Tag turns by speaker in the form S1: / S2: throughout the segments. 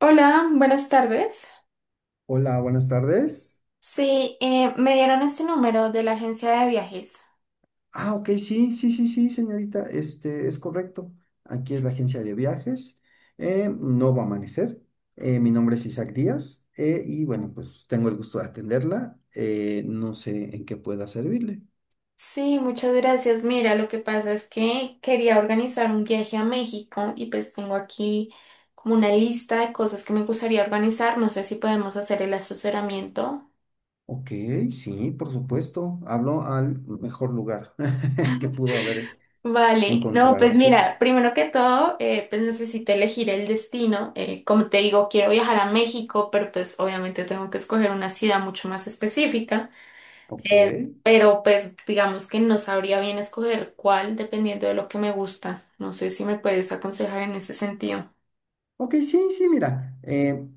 S1: Hola, buenas tardes.
S2: Hola, buenas tardes.
S1: Sí, me dieron este número de la agencia de viajes.
S2: Ah, ok, sí, sí, sí, sí, señorita, este es correcto. Aquí es la agencia de viajes. No va a amanecer. Mi nombre es Isaac Díaz, y bueno, pues tengo el gusto de atenderla. No sé en qué pueda servirle.
S1: Sí, muchas gracias. Mira, lo que pasa es que quería organizar un viaje a México y pues tengo aquí como una lista de cosas que me gustaría organizar. No sé si podemos hacer el asesoramiento.
S2: Ok, sí, por supuesto. Hablo al mejor lugar que pudo haber
S1: Vale, no,
S2: encontrado,
S1: pues
S2: sí.
S1: mira, primero que todo, pues necesito elegir el destino. Como te digo, quiero viajar a México, pero pues obviamente tengo que escoger una ciudad mucho más específica.
S2: Ok.
S1: Pero pues digamos que no sabría bien escoger cuál dependiendo de lo que me gusta. No sé si me puedes aconsejar en ese sentido.
S2: Ok, sí, sí, mira.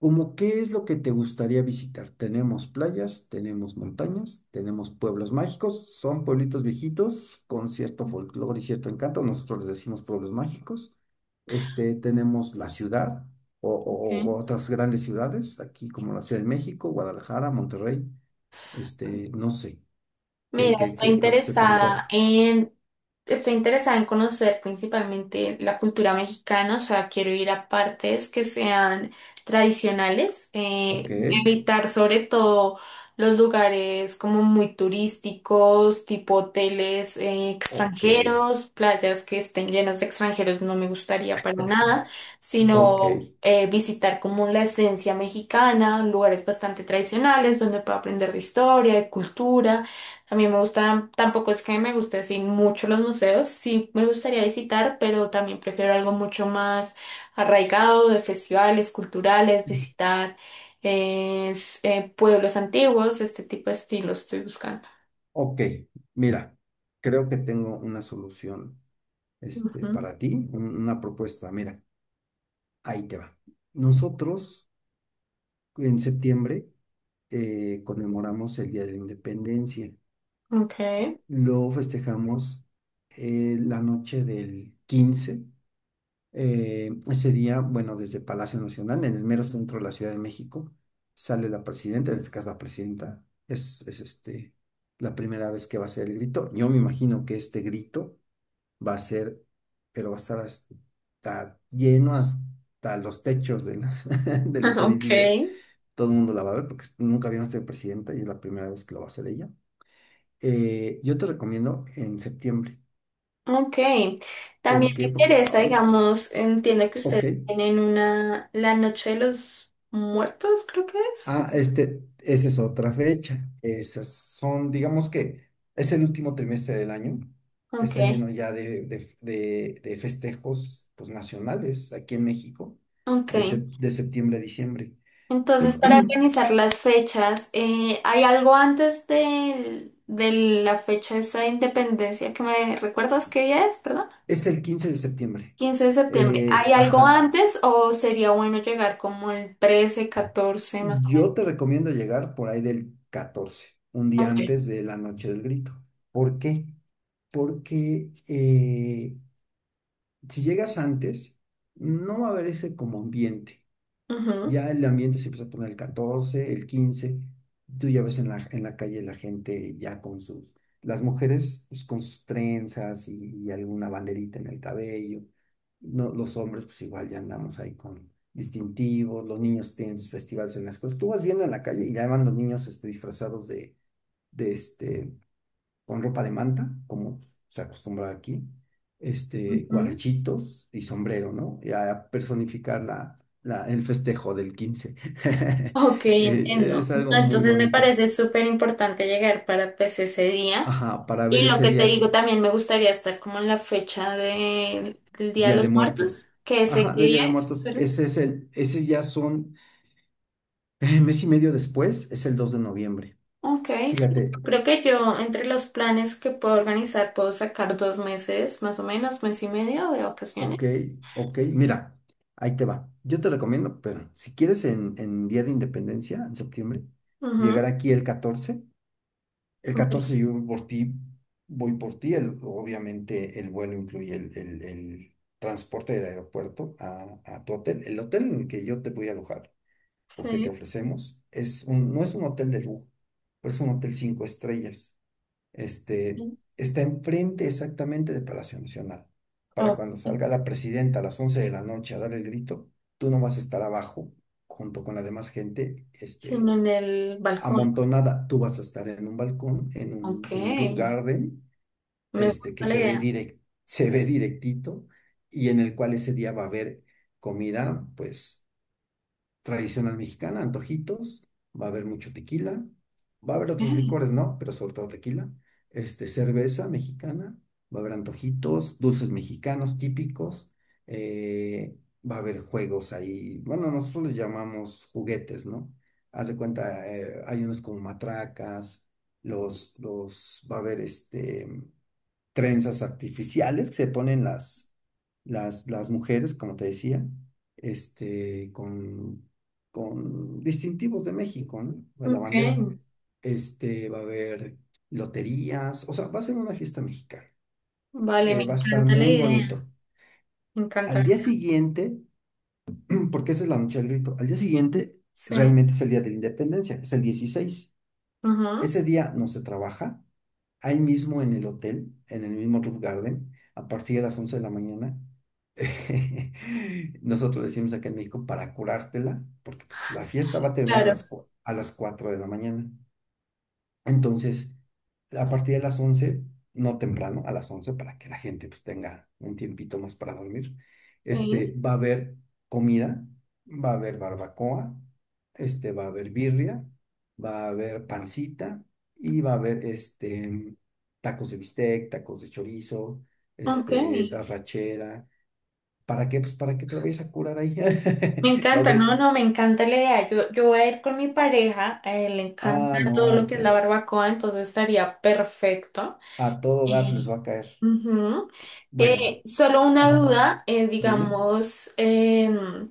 S2: ¿Cómo qué es lo que te gustaría visitar? Tenemos playas, tenemos montañas, tenemos pueblos mágicos, son pueblitos viejitos con cierto folclore y cierto encanto, nosotros les decimos pueblos mágicos. Tenemos la ciudad o otras grandes ciudades, aquí como la Ciudad de México, Guadalajara, Monterrey, no sé, qué,
S1: Mira,
S2: qué,
S1: estoy
S2: qué es lo que se te
S1: interesada
S2: antoja.
S1: en, Estoy interesada en conocer principalmente la cultura mexicana, o sea, quiero ir a partes que sean tradicionales,
S2: Ok,
S1: evitar sobre todo los lugares como muy turísticos, tipo hoteles,
S2: ok,
S1: extranjeros, playas que estén llenas de extranjeros, no me gustaría para nada,
S2: ok,
S1: sino visitar como la esencia mexicana, lugares bastante tradicionales donde pueda aprender de historia, de cultura. A mí me gustan, tampoco es que me guste así mucho los museos, sí me gustaría visitar, pero también prefiero algo mucho más arraigado de festivales culturales, visitar pueblos antiguos, este tipo de estilo estoy buscando.
S2: ok, mira, creo que tengo una solución,
S1: Ujú.
S2: para ti una propuesta. Mira, ahí te va. Nosotros en septiembre conmemoramos el Día de la Independencia.
S1: Ok,
S2: Lo festejamos la noche del 15. Ese día, bueno, desde Palacio Nacional, en el mero centro de la Ciudad de México, sale la presidenta, en este caso la presidenta, es la primera vez que va a hacer el grito. Yo me imagino que este grito va a ser, pero va a estar hasta lleno hasta los techos de de los
S1: ok,
S2: edificios. Todo el mundo la va a ver porque nunca había sido presidenta y es la primera vez que lo va a hacer ella. Yo te recomiendo en septiembre.
S1: ok. También
S2: ¿Por
S1: me
S2: qué?
S1: interesa, digamos, entiendo que
S2: Ok.
S1: ustedes tienen una, la Noche de los Muertos, creo que es.
S2: Ah, esa es otra fecha. Esas son, digamos que es el último trimestre del año.
S1: Ok,
S2: Está lleno ya de festejos, pues, nacionales aquí en México,
S1: ok.
S2: de septiembre a diciembre.
S1: Entonces, para organizar las fechas, ¿hay algo antes de la fecha esa de independencia que me recuerdas qué día es? Perdón.
S2: Es el 15 de septiembre.
S1: 15 de septiembre. ¿Hay algo
S2: Ajá.
S1: antes o sería bueno llegar como el 13, 14 más o menos?
S2: Yo te recomiendo llegar por ahí del 14, un día
S1: Ok.
S2: antes de la noche del grito. ¿Por qué? Porque si llegas antes, no va a haber ese como ambiente.
S1: Ujú,
S2: Ya el ambiente se empezó a poner el 14, el 15. Tú ya ves en la calle la gente ya las mujeres, pues, con sus trenzas y alguna banderita en el cabello. No, los hombres pues igual ya andamos ahí con distintivos, los niños tienen sus festivales en las cosas. Tú vas viendo en la calle y ya van los niños, disfrazados de, este, con ropa de manta, como se acostumbra aquí,
S1: ujú.
S2: guarachitos y sombrero, ¿no? Y a personificar el festejo del 15.
S1: Ok, entiendo.
S2: Es algo muy
S1: Entonces me
S2: bonito.
S1: parece súper importante llegar para pues ese día.
S2: Ajá, para ver
S1: Y lo
S2: ese
S1: que te
S2: día
S1: digo
S2: que,
S1: también me gustaría estar como en la fecha del Día de
S2: Día de
S1: los Muertos,
S2: Muertos.
S1: que sé
S2: Ajá,
S1: qué
S2: de Día
S1: día
S2: de
S1: es.
S2: Muertos, ese ya son, mes y medio después, es el 2 de noviembre.
S1: Ok, sí.
S2: Fíjate.
S1: Creo que yo entre los planes que puedo organizar puedo sacar dos meses, más o menos, mes y medio de vacaciones.
S2: Ok, ok, mira, ahí te va. Yo te recomiendo, pero si quieres en, Día de Independencia, en septiembre, llegar
S1: Ujú.
S2: aquí el 14. El
S1: Ok.
S2: 14 yo voy por ti, voy por ti. Obviamente el vuelo incluye el transporte del aeropuerto a tu hotel. El hotel en el que yo te voy a alojar o que te
S1: Sí.
S2: ofrecemos no es un hotel de lujo, pero es un hotel cinco estrellas. este, Está enfrente exactamente de Palacio Nacional. Para
S1: Ok.
S2: cuando salga la presidenta a las 11 de la noche a dar el grito, tú no vas a estar abajo junto con la demás gente,
S1: Sino en el balcón.
S2: amontonada. Tú vas a estar en un balcón, en
S1: Ok.
S2: un, en un roof garden,
S1: Me gusta
S2: que
S1: la
S2: se ve
S1: idea.
S2: direct, se ve directito, y en el cual ese día va a haber comida, pues, tradicional mexicana, antojitos, va a haber mucho tequila, va a haber otros
S1: Ok.
S2: licores, ¿no? Pero sobre todo tequila, cerveza mexicana, va a haber antojitos, dulces mexicanos típicos, eh, va a haber juegos ahí, bueno, nosotros les llamamos juguetes, ¿no? Haz de cuenta, hay unos como matracas, va a haber, trenzas artificiales que se ponen las mujeres, como te decía, este, con, con distintivos de México, ¿no? La bandera.
S1: Ok.
S2: Va a haber loterías, o sea, va a ser una fiesta mexicana.
S1: Vale, me
S2: Va a estar
S1: encanta la
S2: muy
S1: idea.
S2: bonito.
S1: Me encanta.
S2: Al día siguiente, porque esa es la noche del grito, al día siguiente
S1: Sí.
S2: realmente es el día de la independencia, es el 16.
S1: Ujú.
S2: Ese día no se trabaja, ahí mismo en el hotel, en el mismo Roof Garden, a partir de las 11 de la mañana. Nosotros decimos acá en México para curártela, porque, pues, la fiesta va a terminar a
S1: Claro.
S2: las, cua- a las 4 de la mañana. Entonces, a partir de las 11, no temprano, a las 11, para que la gente pues tenga un tiempito más para dormir,
S1: Sí.
S2: va a haber comida, va a haber barbacoa, va a haber birria, va a haber pancita, y va a haber, tacos de bistec, tacos de chorizo,
S1: Ok.
S2: arrachera. ¿Para qué? Pues para que te la vayas a curar ahí.
S1: Me
S2: Va a
S1: encanta,
S2: haber,
S1: no, no, me encanta la idea. Yo, voy a ir con mi pareja, a él le encanta
S2: ah,
S1: todo lo
S2: no,
S1: que es la
S2: pues
S1: barbacoa, entonces estaría perfecto.
S2: a todo dar les
S1: Eh,
S2: va a caer.
S1: ujú.
S2: Bueno.
S1: Solo una
S2: Ajá.
S1: duda,
S2: Dime.
S1: digamos,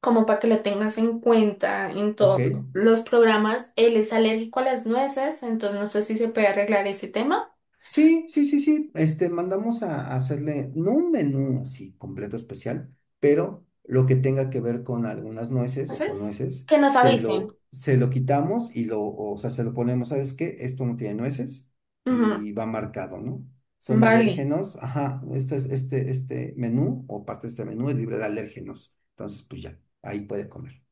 S1: como para que lo tengas en cuenta en
S2: Ok.
S1: todos los programas, él es alérgico a las nueces, entonces no sé si se puede arreglar ese tema.
S2: Sí, sí, sí, sí. Mandamos a hacerle, no un menú así completo especial, pero lo que tenga que ver con algunas nueces o con
S1: ¿Haces?
S2: nueces,
S1: Que nos
S2: se
S1: avisen.
S2: lo, se lo quitamos y lo, o sea, se lo ponemos, ¿sabes qué? Esto no tiene nueces
S1: Ujú.
S2: y va marcado, ¿no? Son
S1: Vale,
S2: alérgenos, ajá, este menú o parte de este menú es libre de alérgenos. Entonces, pues ya, ahí puede comer.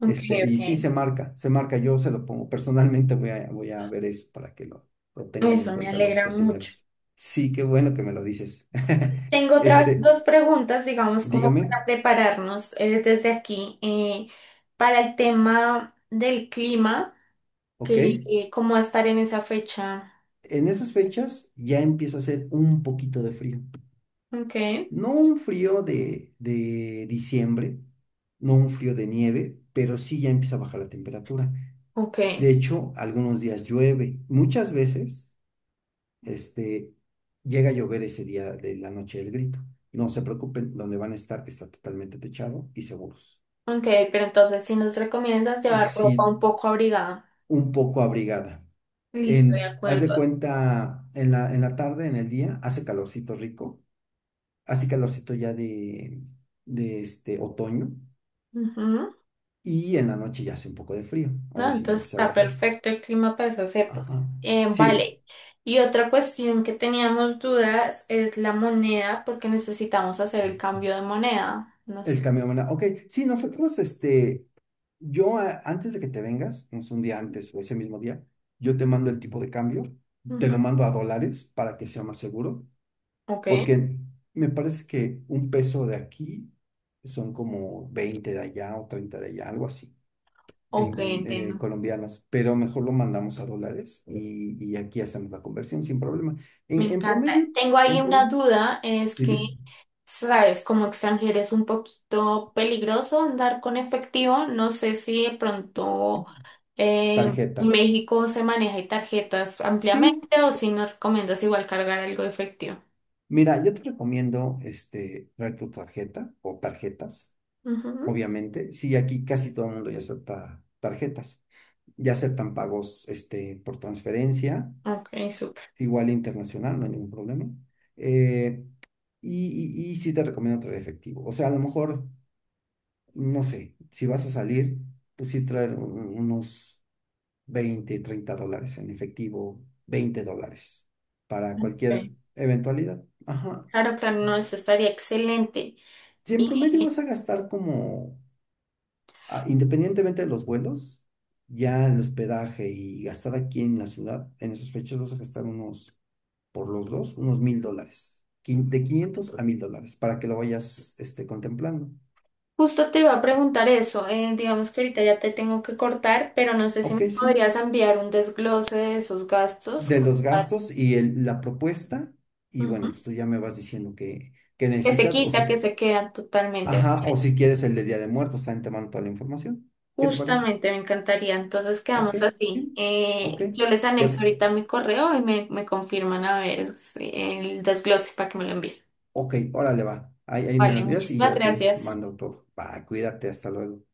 S1: ok, ok.
S2: Y sí se marca, yo se lo pongo. Personalmente voy a ver eso para que lo tengan en
S1: Eso me
S2: cuenta los
S1: alegra mucho.
S2: cocineros. Sí, qué bueno que me lo dices.
S1: Tengo otras
S2: Este,
S1: dos preguntas, digamos, como
S2: Dígame,
S1: para prepararnos desde aquí para el tema del clima,
S2: ¿ok?
S1: que cómo va a estar en esa fecha.
S2: En esas fechas ya empieza a hacer un poquito de frío.
S1: Ok,
S2: No un frío de diciembre, no un frío de nieve, pero sí ya empieza a bajar la temperatura.
S1: ok,
S2: De hecho, algunos días llueve. Muchas veces. Este, Llega a llover ese día de la noche del grito. No se preocupen, donde van a estar está totalmente techado y seguros.
S1: ok, pero entonces si nos recomiendas llevar ropa
S2: Sí,
S1: un poco abrigada.
S2: un poco abrigada.
S1: Listo, de
S2: Haz de
S1: acuerdo.
S2: cuenta, en la tarde, en el día, hace calorcito rico, hace calorcito ya de este otoño,
S1: Ujú.
S2: y en la noche ya hace un poco de frío.
S1: No,
S2: Ahora sí ya
S1: entonces
S2: empezaba el
S1: está
S2: frío.
S1: perfecto el clima para esas épocas.
S2: Ajá. Sí,
S1: Vale. Y otra cuestión que teníamos dudas es la moneda, porque necesitamos hacer el cambio de moneda. No
S2: El
S1: sé.
S2: cambio de moneda. Ok, sí, nosotros, yo antes de que te vengas, no sé, un día antes o ese mismo día, yo te mando el tipo de cambio, te lo
S1: Ujú.
S2: mando a dólares para que sea más seguro,
S1: Ok,
S2: porque me parece que un peso de aquí son como 20 de allá o 30 de allá, algo así,
S1: ok,
S2: en,
S1: entiendo.
S2: colombianos, pero mejor lo mandamos a dólares y aquí hacemos la conversión sin problema. En,
S1: Me
S2: en
S1: encanta.
S2: promedio,
S1: Tengo ahí
S2: en
S1: una
S2: promedio,
S1: duda, es que,
S2: dime,
S1: sabes, como extranjero es un poquito peligroso andar con efectivo. No sé si de pronto eh, en
S2: tarjetas.
S1: México se maneja tarjetas ampliamente
S2: Sí,
S1: o si nos recomiendas igual cargar algo de efectivo.
S2: mira, yo te recomiendo traer tu tarjeta o tarjetas,
S1: Ujú.
S2: obviamente. Sí, aquí casi todo el mundo ya acepta tarjetas. Ya aceptan pagos, por transferencia,
S1: Ok, súper.
S2: igual internacional, no hay ningún problema. Eh, y sí te recomiendo traer efectivo. O sea, a lo mejor, no sé, si vas a salir, pues sí traer unos 20, 30 dólares en efectivo, 20 dólares para cualquier
S1: Ok.
S2: eventualidad. Ajá.
S1: Claro, claro, no, eso estaría excelente.
S2: Si en promedio vas a gastar como, ah, independientemente de los vuelos, ya el hospedaje y gastar aquí en la ciudad, en esas fechas vas a gastar unos, por los dos, unos 1,000 dólares. De 500 a 1,000 dólares para que lo vayas, contemplando.
S1: Justo te iba a preguntar eso, digamos que ahorita ya te tengo que cortar, pero no sé si me
S2: Ok, sí.
S1: podrías enviar un desglose de esos gastos
S2: De
S1: como
S2: los
S1: para-
S2: gastos y la propuesta. Y
S1: Ujú.
S2: bueno, pues tú ya me vas diciendo que
S1: Que se
S2: necesitas o
S1: quita, que
S2: si,
S1: se quedan totalmente, me
S2: ajá, o
S1: parece.
S2: si quieres el de Día de Muertos, también te mando toda la información. ¿Qué te parece?
S1: Justamente me encantaría, entonces
S2: Ok,
S1: quedamos así.
S2: sí. Ok.
S1: Yo les
S2: Te,
S1: anexo ahorita mi correo y me confirman a ver si- el desglose para que me lo envíen.
S2: Ok, órale, va. Ahí me lo
S1: Vale,
S2: envías y
S1: muchísimas
S2: yo te
S1: gracias.
S2: mando todo. Va, cuídate, hasta luego.